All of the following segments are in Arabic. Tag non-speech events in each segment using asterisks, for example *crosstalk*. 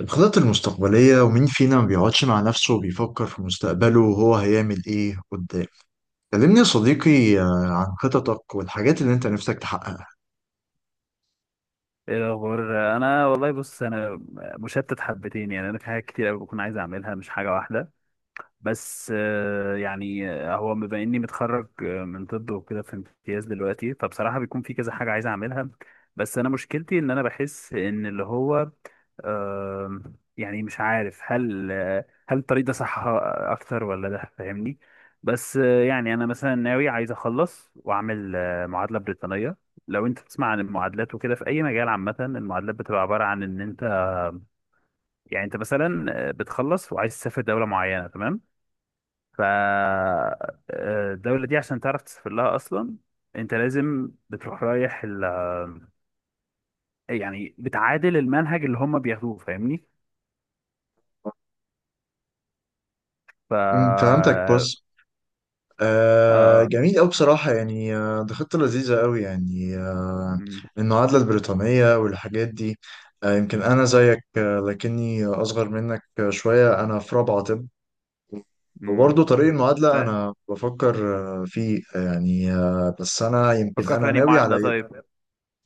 الخطط المستقبلية، ومين فينا ما بيقعدش مع نفسه وبيفكر في مستقبله وهو هيعمل إيه قدام؟ كلمني يا صديقي، عن خططك والحاجات اللي أنت نفسك تحققها. ايه الاخبار؟ انا والله، بص، انا مشتت حبتين. يعني انا في حاجات كتير قوي بكون عايز اعملها، مش حاجه واحده. بس يعني هو بما اني متخرج من طب وكده، في امتياز دلوقتي. فبصراحه بيكون في كذا حاجه عايز اعملها. بس انا مشكلتي ان انا بحس ان اللي هو آم، يعني مش عارف. هل الطريق ده صح اكتر ولا ده؟ فاهمني؟ بس يعني انا مثلا ناوي عايز اخلص واعمل معادله بريطانيه. لو انت تسمع عن المعادلات وكده في اي مجال عامه، المعادلات بتبقى عباره عن ان انت، يعني انت مثلا بتخلص وعايز تسافر دوله معينه، تمام؟ ف آه، الدوله دي عشان تعرف تسافر لها اصلا انت لازم بتروح رايح يعني بتعادل المنهج اللي هم بياخدوه، فاهمني؟ ف فهمتك. اه بص، آه. جميل أوي بصراحة، يعني دي خطة لذيذة أوي، يعني المعادلة البريطانية والحاجات دي. يمكن أنا زيك، لكني أصغر منك شوية. أنا في رابعة طب، امم. وبرضه طريق المعادلة أنا بفكر فيه، يعني بس أنا يمكن فكر أنا في أنهي ناوي على. معادلة طيب.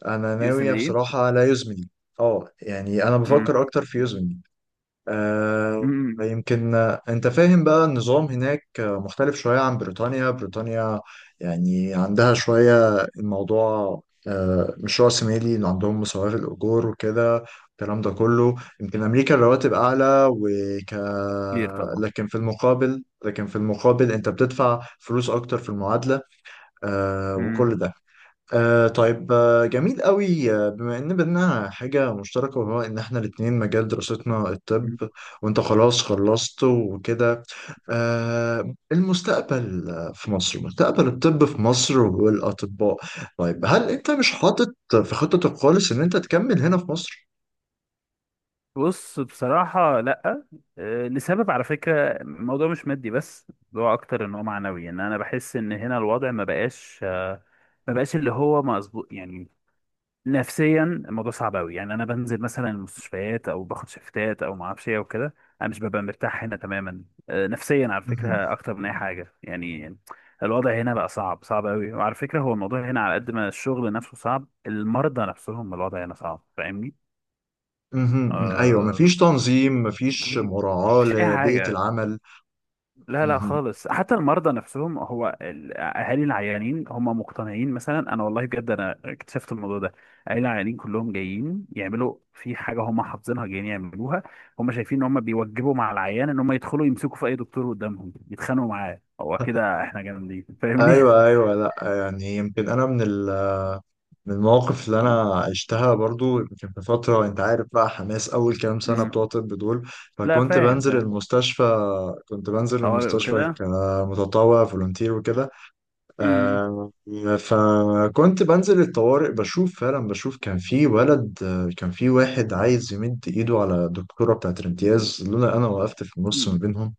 انا يو اس ام ناوية دي. بصراحة على يوزمني. اه، يعني انا بفكر امم. اكتر في يوزمني. آه امم. يمكن انت فاهم بقى، النظام هناك مختلف شوية عن بريطانيا. بريطانيا يعني عندها شوية، الموضوع مش رأسمالي، عندهم مساواة في الأجور وكده الكلام ده كله. يمكن أمريكا الرواتب أعلى، وك كتير طبعا. لكن في المقابل أنت بتدفع فلوس أكتر في المعادلة، وكل امم. ده. طيب، جميل قوي. بما ان بينا حاجة مشتركة، وهو ان احنا الاتنين مجال دراستنا الطب، أمم. وانت خلاص خلصت وكده، المستقبل في مصر، مستقبل الطب في مصر والاطباء، طيب هل انت مش حاطط في خطتك خالص ان انت تكمل هنا في مصر؟ بص بصراحة، لأ. لسبب على فكرة، الموضوع مش مادي بس، هو أكتر إن هو معنوي. إن أنا بحس إن هنا الوضع ما بقاش اللي هو مظبوط يعني. نفسيا الموضوع صعب قوي. يعني انا بنزل مثلا المستشفيات او باخد شيفتات او ما اعرفش ايه وكده، انا مش ببقى مرتاح هنا تماما. نفسيا على مهم. فكره، اكتر من اي حاجه يعني. الوضع هنا بقى صعب، صعب قوي. وعلى فكره هو الموضوع هنا، على قد ما الشغل نفسه صعب، المرضى نفسهم الوضع هنا صعب، فاهمني؟ مهم، ايوه، آه، مفيش تنظيم، مفيش مراعاة مش اي لبيئة حاجه. العمل. لا لا مهم. خالص، حتى المرضى نفسهم، هو الاهالي العيانين هم مقتنعين مثلا. انا والله بجد انا اكتشفت الموضوع ده. اهالي العيانين كلهم جايين يعملوا في حاجه هم حافظينها جايين يعملوها. هم شايفين ان هم بيوجبوا مع العيان ان هم يدخلوا يمسكوا في اي دكتور قدامهم يتخانقوا معاه، هو كده احنا جامدين، فاهمني؟ ايوه ايوه، لا يعني يمكن انا من ال من المواقف اللي انا *laughs* عشتها برضو. يمكن في فتره، انت عارف بقى، حماس اول كام سنه مم. بتوع طب دول، لا فكنت فاهم بنزل فاهم. المستشفى. كنت بنزل طوارئ المستشفى وكده. كمتطوع فولونتير وكده، مم. آه، فكنت بنزل الطوارئ بشوف، فعلا بشوف كان في ولد، كان في واحد عايز يمد ايده على الدكتوره بتاعت الامتياز، لولا انا وقفت في النص ما مم. بينهم.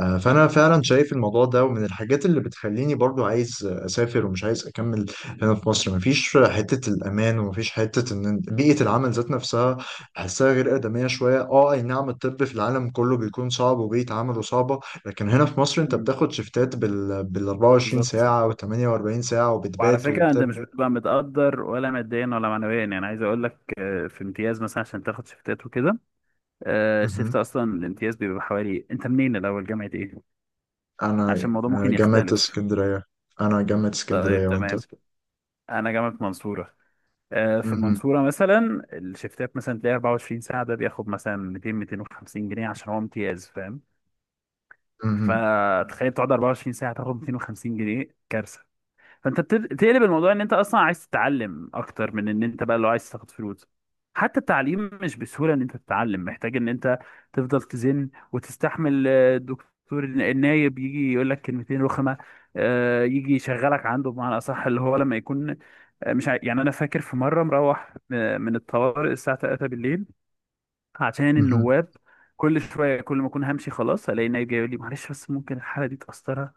فأنا فعلا شايف الموضوع ده، ومن الحاجات اللي بتخليني برضو عايز أسافر ومش عايز أكمل هنا في مصر. مفيش حتة الأمان، ومفيش حتة إن بيئة العمل ذات نفسها بحسها غير آدمية شوية. أه، أي نعم، الطب في العالم كله بيكون صعب وبيئة عمله صعبة، لكن هنا في مصر أنت مم. بتاخد شيفتات بال 24 بالظبط. ساعة و 48 ساعة، وعلى وبتبات فكرة انت وبتب. مش بتبقى متقدر ولا ماديا ولا معنويا. يعني عايز اقول لك، في امتياز مثلا عشان تاخد شيفتات وكده. الشيفت مهم. اصلا الامتياز بيبقى حوالي، انت منين الاول، جامعة ايه؟ عشان أنا الموضوع ممكن جامعة يختلف. اسكندرية. أنا جامعة طيب اسكندرية، وأنت؟ تمام. انا جامعة منصورة. في مهم. المنصورة مثلا الشيفتات مثلا تلاقي 24 ساعة ده بياخد مثلا 200 250 جنيه عشان هو امتياز، فاهم؟ مهم. فتخيل تقعد 24 ساعة تاخد 250 جنيه، كارثة. فانت تقلب الموضوع ان انت اصلا عايز تتعلم اكتر من ان انت بقى لو عايز تاخد فلوس. حتى التعليم مش بسهوله ان انت تتعلم، محتاج ان انت تفضل تزن وتستحمل. الدكتور النايب يجي يقول لك كلمتين رخمه. يجي يشغلك عنده، بمعنى اصح اللي هو لما يكون مش عاي- يعني انا فاكر في مره مروح من الطوارئ الساعه 3 بالليل عشان مهم. النواب. كل شويه، كل ما اكون همشي خلاص الاقي النايب جاي يقول لي معلش بس ممكن الحاله دي تاثرها.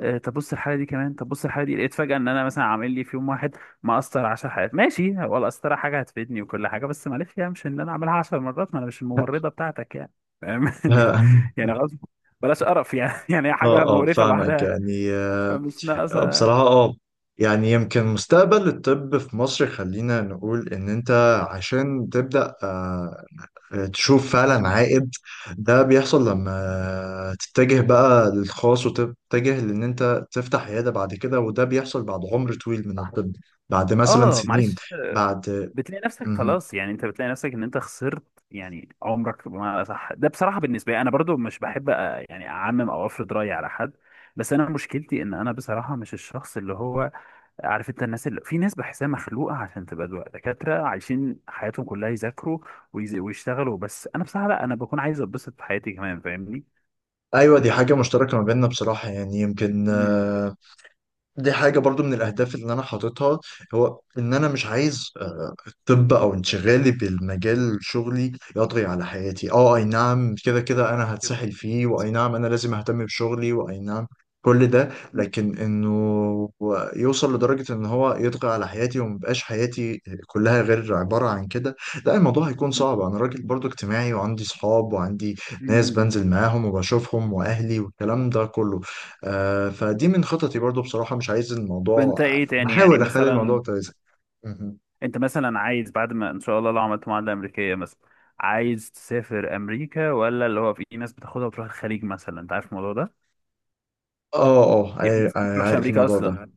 طب بص الحاله دي، لقيت فجاه ان انا مثلا عامل لي في يوم واحد مأثر 10 حالات. ماشي، هو القسطره حاجه هتفيدني وكل حاجه، بس معلش، يعني مش ان انا اعملها 10 مرات، ما انا مش الممرضه بتاعتك يعني. فاهم؟ *laughs* يعني، *laughs* يعني غصب. بلاش قرف يعني. *laughs* يعني هي اه حاجه اه، مقرفه فاهمك لوحدها، يعني فمش ناقصه. بصراحة اه. يعني يمكن مستقبل الطب في مصر، خلينا نقول ان انت عشان تبدأ تشوف فعلا عائد، ده بيحصل لما تتجه بقى للخاص وتتجه لان انت تفتح عيادة بعد كده، وده بيحصل بعد عمر طويل من الطب، بعد مثلا اه سنين، معلش. بعد. بتلاقي نفسك مهم. خلاص يعني، انت بتلاقي نفسك ان انت خسرت يعني عمرك، ما صح. ده بصراحه بالنسبه لي انا برضو مش بحب يعني اعمم او افرض رايي على حد. بس انا مشكلتي ان انا بصراحه مش الشخص اللي هو، عارف انت الناس؟ اللي في ناس بحسها مخلوقه عشان تبقى دكاتره عايشين حياتهم كلها يذاكروا ويشتغلوا، بس انا بصراحه لا، انا بكون عايز اتبسط في حياتي كمان، فاهمني؟ ايوه، دي حاجة مشتركة ما بيننا بصراحة، يعني يمكن مم. دي حاجة برضو من الأهداف اللي أنا حاططها، هو إن أنا مش عايز الطب او انشغالي بالمجال شغلي يطغي على حياتي. اه، اي نعم، كده كده انا هتسحل فيه، واي نعم انا لازم اهتم بشغلي، واي نعم كل ده، مم. لكن انه يوصل لدرجة ان هو يطغى على حياتي ومبقاش حياتي كلها غير عبارة عن كده. لا، الموضوع هيكون مم. صعب. انا راجل برضو اجتماعي، وعندي صحاب، وعندي ناس مم. بنزل معاهم وبشوفهم، واهلي والكلام ده كله. فدي من خططي برضو، بصراحة مش عايز الموضوع، فانت ايه تاني يعني بحاول اخلي مثلا؟ الموضوع كويس. انت مثلا عايز بعد ما ان شاء الله لو عملت معادله امريكيه مثلا، عايز تسافر امريكا، ولا اللي هو في إيه ناس بتاخدها وتروح الخليج مثلا؟ انت عارف الموضوع ده، اه اه، يعني في ناس ما بتروحش عارف امريكا، ايوه انا الموضوع ده. اصلا عارف.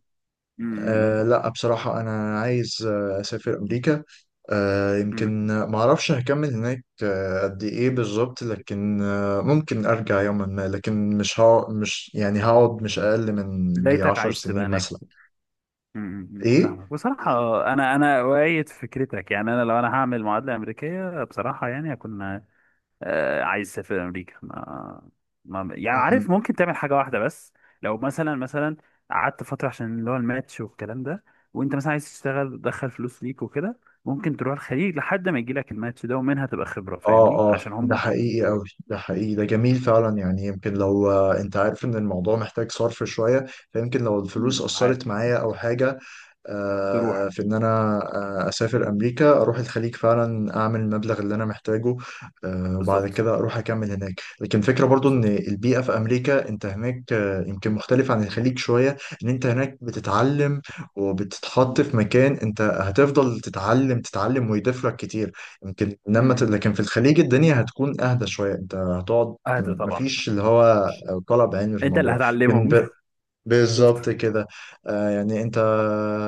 امم. لا بصراحة أنا عايز أسافر أمريكا. يمكن ما أعرفش هكمل هناك قد إيه بالظبط، لكن ممكن أرجع يوما ما، لكن مش يعني هقعد مش أقل من بدايتك عشر عايز تبقى سنين هناك. مثلا. امم. إيه؟ فاهمك بصراحه. انا اؤيد فكرتك. يعني انا لو انا هعمل معادله امريكيه بصراحه يعني هكون عايز اسافر امريكا. ما يعني مهم. عارف، ممكن تعمل حاجه واحده بس. لو مثلا قعدت فتره عشان اللي هو الماتش والكلام ده، وانت مثلا عايز تشتغل تدخل فلوس ليك وكده، ممكن تروح الخليج لحد ما يجي لك الماتش ده، ومنها تبقى خبره، فاهمني؟ اه اه، عشان ده هم، حقيقي قوي، ده حقيقي، ده جميل فعلا. يعني يمكن لو انت عارف ان الموضوع محتاج صرف شوية، فيمكن لو الفلوس مم، اثرت عارف. معايا او حاجة تروح. في ان انا اسافر امريكا، اروح الخليج فعلا، اعمل المبلغ اللي انا محتاجه، وبعد بالظبط. كده اروح اكمل هناك. لكن فكرة برضو ان بالظبط. البيئة في امريكا، انت هناك يمكن مختلف عن مم. الخليج شوية، ان انت هناك بتتعلم مم. وبتتحط في مكان انت هتفضل تتعلم تتعلم ويضيف لك كتير. يمكن لما مم. لكن في الخليج الدنيا هتكون اهدى شوية، انت هتقعد، اهدى طبعا. مفيش اللي هو طلب علمي في انت اللي الموضوع، هتعلمهم. لكن *laughs* بالظبط. بالظبط كده. يعني انت،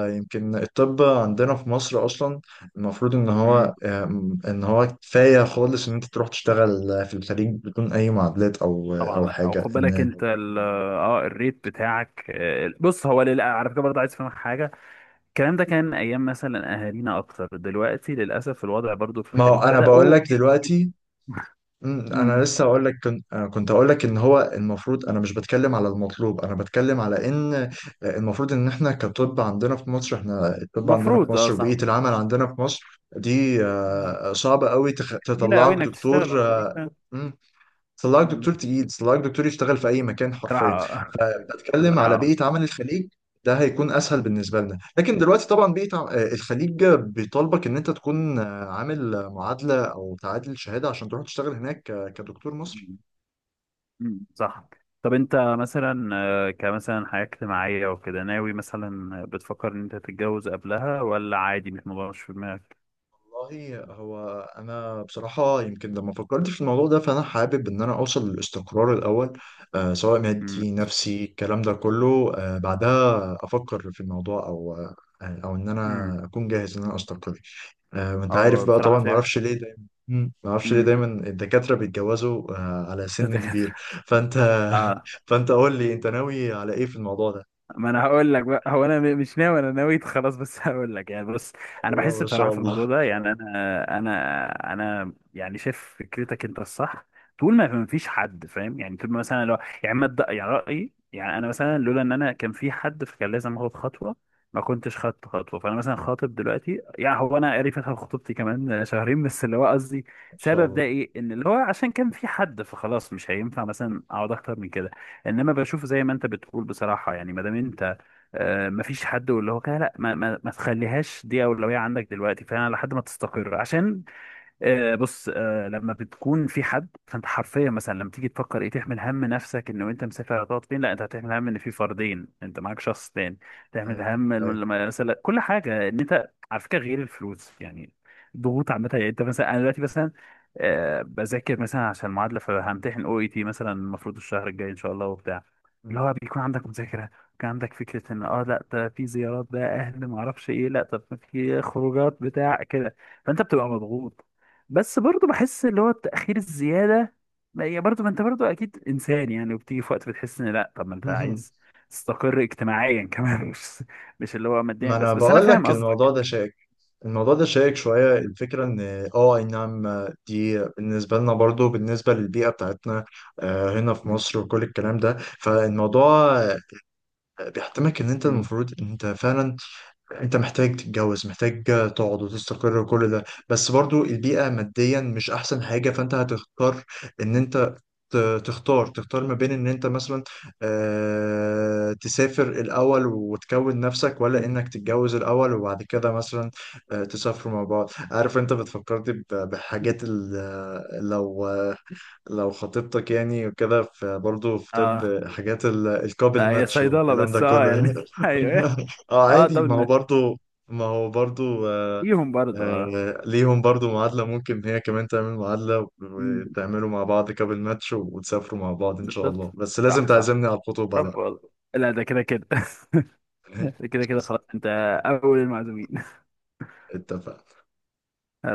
يمكن الطب عندنا في مصر اصلا المفروض ان مم. هو، ان هو كفايه خالص ان انت تروح تشتغل في الخليج بدون اي معادلات او طبعا او لا، او حاجه خد بالك ان، انت اه الريت بتاعك. بص هو على فكره برضه عايز افهمك حاجه. الكلام ده كان ايام مثلا اهالينا اكتر، دلوقتي للاسف الوضع برضو في ما الخليج هو انا بقول بداوا. لك دلوقتي، انا مم. لسه هقول لك. كنت هقول لك ان هو المفروض، انا مش بتكلم على المطلوب، انا بتكلم على ان المفروض ان احنا كطب عندنا في مصر، احنا الطب عندنا في مفروض، اه مصر، صح. وبيئه العمل عندنا في مصر دي صعبة قوي، قليلة قوي تطلعك انك دكتور. تشتغل في الخليج فعلا. امم طلعك مم. دكتور تقيل، طلعك دكتور يشتغل في اي مكان حرفيا، بصراحة آه. بتتكلم بصراحة على بيئه آه. عمل الخليج، ده هيكون اسهل مم. بالنسبه لنا. لكن دلوقتي طبعا الخليج بيطالبك ان انت تكون عامل معادله او تعادل شهاده عشان تروح تشتغل هناك كدكتور مصري. مم. صح. طب انت مثلا كمثلا حياة اجتماعية وكده ناوي مثلا؟ بتفكر ان انت تتجوز قبلها ولا عادي، مش موضوع مش في دماغك؟ والله، هو انا بصراحه يمكن لما فكرت في الموضوع ده، فانا حابب ان انا اوصل للاستقرار الاول، سواء مم. مادي نفسي الكلام ده كله، بعدها افكر في الموضوع، او ان انا امم. اكون جاهز ان انا استقر. انت اه عارف بقى، بصراحة طبعا شايف. معرفش ليه دايما. مم. معرفش ليه امم. دايما الدكاترة بيتجوزوا على سن كبير. الدكاترة. فانت *laughs* اه. *laughs* قول لي، انت ناوي على ايه في الموضوع ده؟ ما انا هقول لك بقى، هو انا مش ناوي، انا نويت خلاص، بس *laughs* هقول لك يعني. بص انا الله بحس ما بصراحه شاء في الموضوع الله. ده يعني، انا يعني شايف فكرتك انت الصح. طول ما ما فيش حد، فاهم يعني؟ طول ما مثلا لو يعني ما تد- يعني رايي، يعني انا مثلا لولا ان انا كان في حد فكان لازم اخد خطوه، ما كنتش خدت خطوه. فانا مثلا خاطب دلوقتي. يعني هو انا قريب فتره خطوبتي كمان *laughs* شهرين بس، اللي هو قصدي ما شاء سبب ده الله، ايه؟ ان اللي هو عشان كان في حد، فخلاص مش هينفع مثلا اقعد اكتر من كده. انما بشوف زي ما انت بتقول بصراحه، يعني ما دام انت ما فيش حد واللي هو كده، لا ما تخليهاش دي اولويه عندك دلوقتي فعلا لحد ما تستقر. عشان بص، لما بتكون في حد فانت حرفيا مثلا لما تيجي تفكر ايه؟ تحمل هم نفسك انه انت مسافر هتقعد فين؟ لا، انت هتحمل هم ان في فردين، انت معاك شخص تاني. تحمل ايوه هم ايوه. مثلا كل حاجه، ان انت على فكره غير الفلوس يعني، ضغوط عامه يعني. انت مثلا، انا دلوقتي مثلا بذاكر مثلا عشان المعادله فهمتحن او اي تي مثلا، المفروض الشهر الجاي ان شاء الله وبتاع، مم. اللي هو بيكون عندك مذاكره. كان عندك فكره ان اه لا، ده في زيارات بقى اهل ما اعرفش ايه، لا طب في خروجات بتاع كده، فانت بتبقى مضغوط. بس برضو بحس اللي هو التأخير الزيادة، ما هي برضو، ما انت برضو اكيد انسان يعني، وبتيجي في وقت بتحس ان لا طب ما انت *laughs* عايز تستقر اجتماعيا كمان. *laughs* مش اللي هو ماديا ما انا بس، بس انا بقول فاهم لك الموضوع قصدك. ده شائك. الموضوع ده شائك شوية. الفكرة ان، اه، اي نعم، دي بالنسبة لنا برضو، بالنسبة للبيئة بتاعتنا هنا في مم. مصر وكل الكلام ده، فالموضوع بيحتمك ان انت مم. المفروض ان انت فعلا، انت محتاج تتجوز، محتاج تقعد وتستقر وكل ده. بس برضو البيئة ماديا مش احسن حاجة، فانت هتختار ان مم. انت تختار ما بين ان انت مثلا تسافر الاول وتكون نفسك، ولا مم. انك تتجوز الاول وبعد كده مثلا تسافروا مع بعض. عارف انت بتفكرني بحاجات لو، خطيبتك يعني وكده في برضه في اه طب حاجات الكابل لا هي ماتش صيدلة والكلام ده بس اه، يعني كله. *laughs* ايوه. *laughs* اه اه ده عادي، ما هو بالنسبة برضه، ما هو برضه ليهم برضه اه. ليهم برضه معادلة. ممكن هي كمان تعمل معادلة مم. وتعملوا مع بعض كابل ماتش، وتسافروا مع بعض إن شاء بالظبط. الله. بس لازم صح صح. تعزمني على الخطوبة طب بقى. والله لا، ده كده كده *laughs* ده *laughs* كده كده خلاص، انت اول المعزومين. اتفق. *laughs*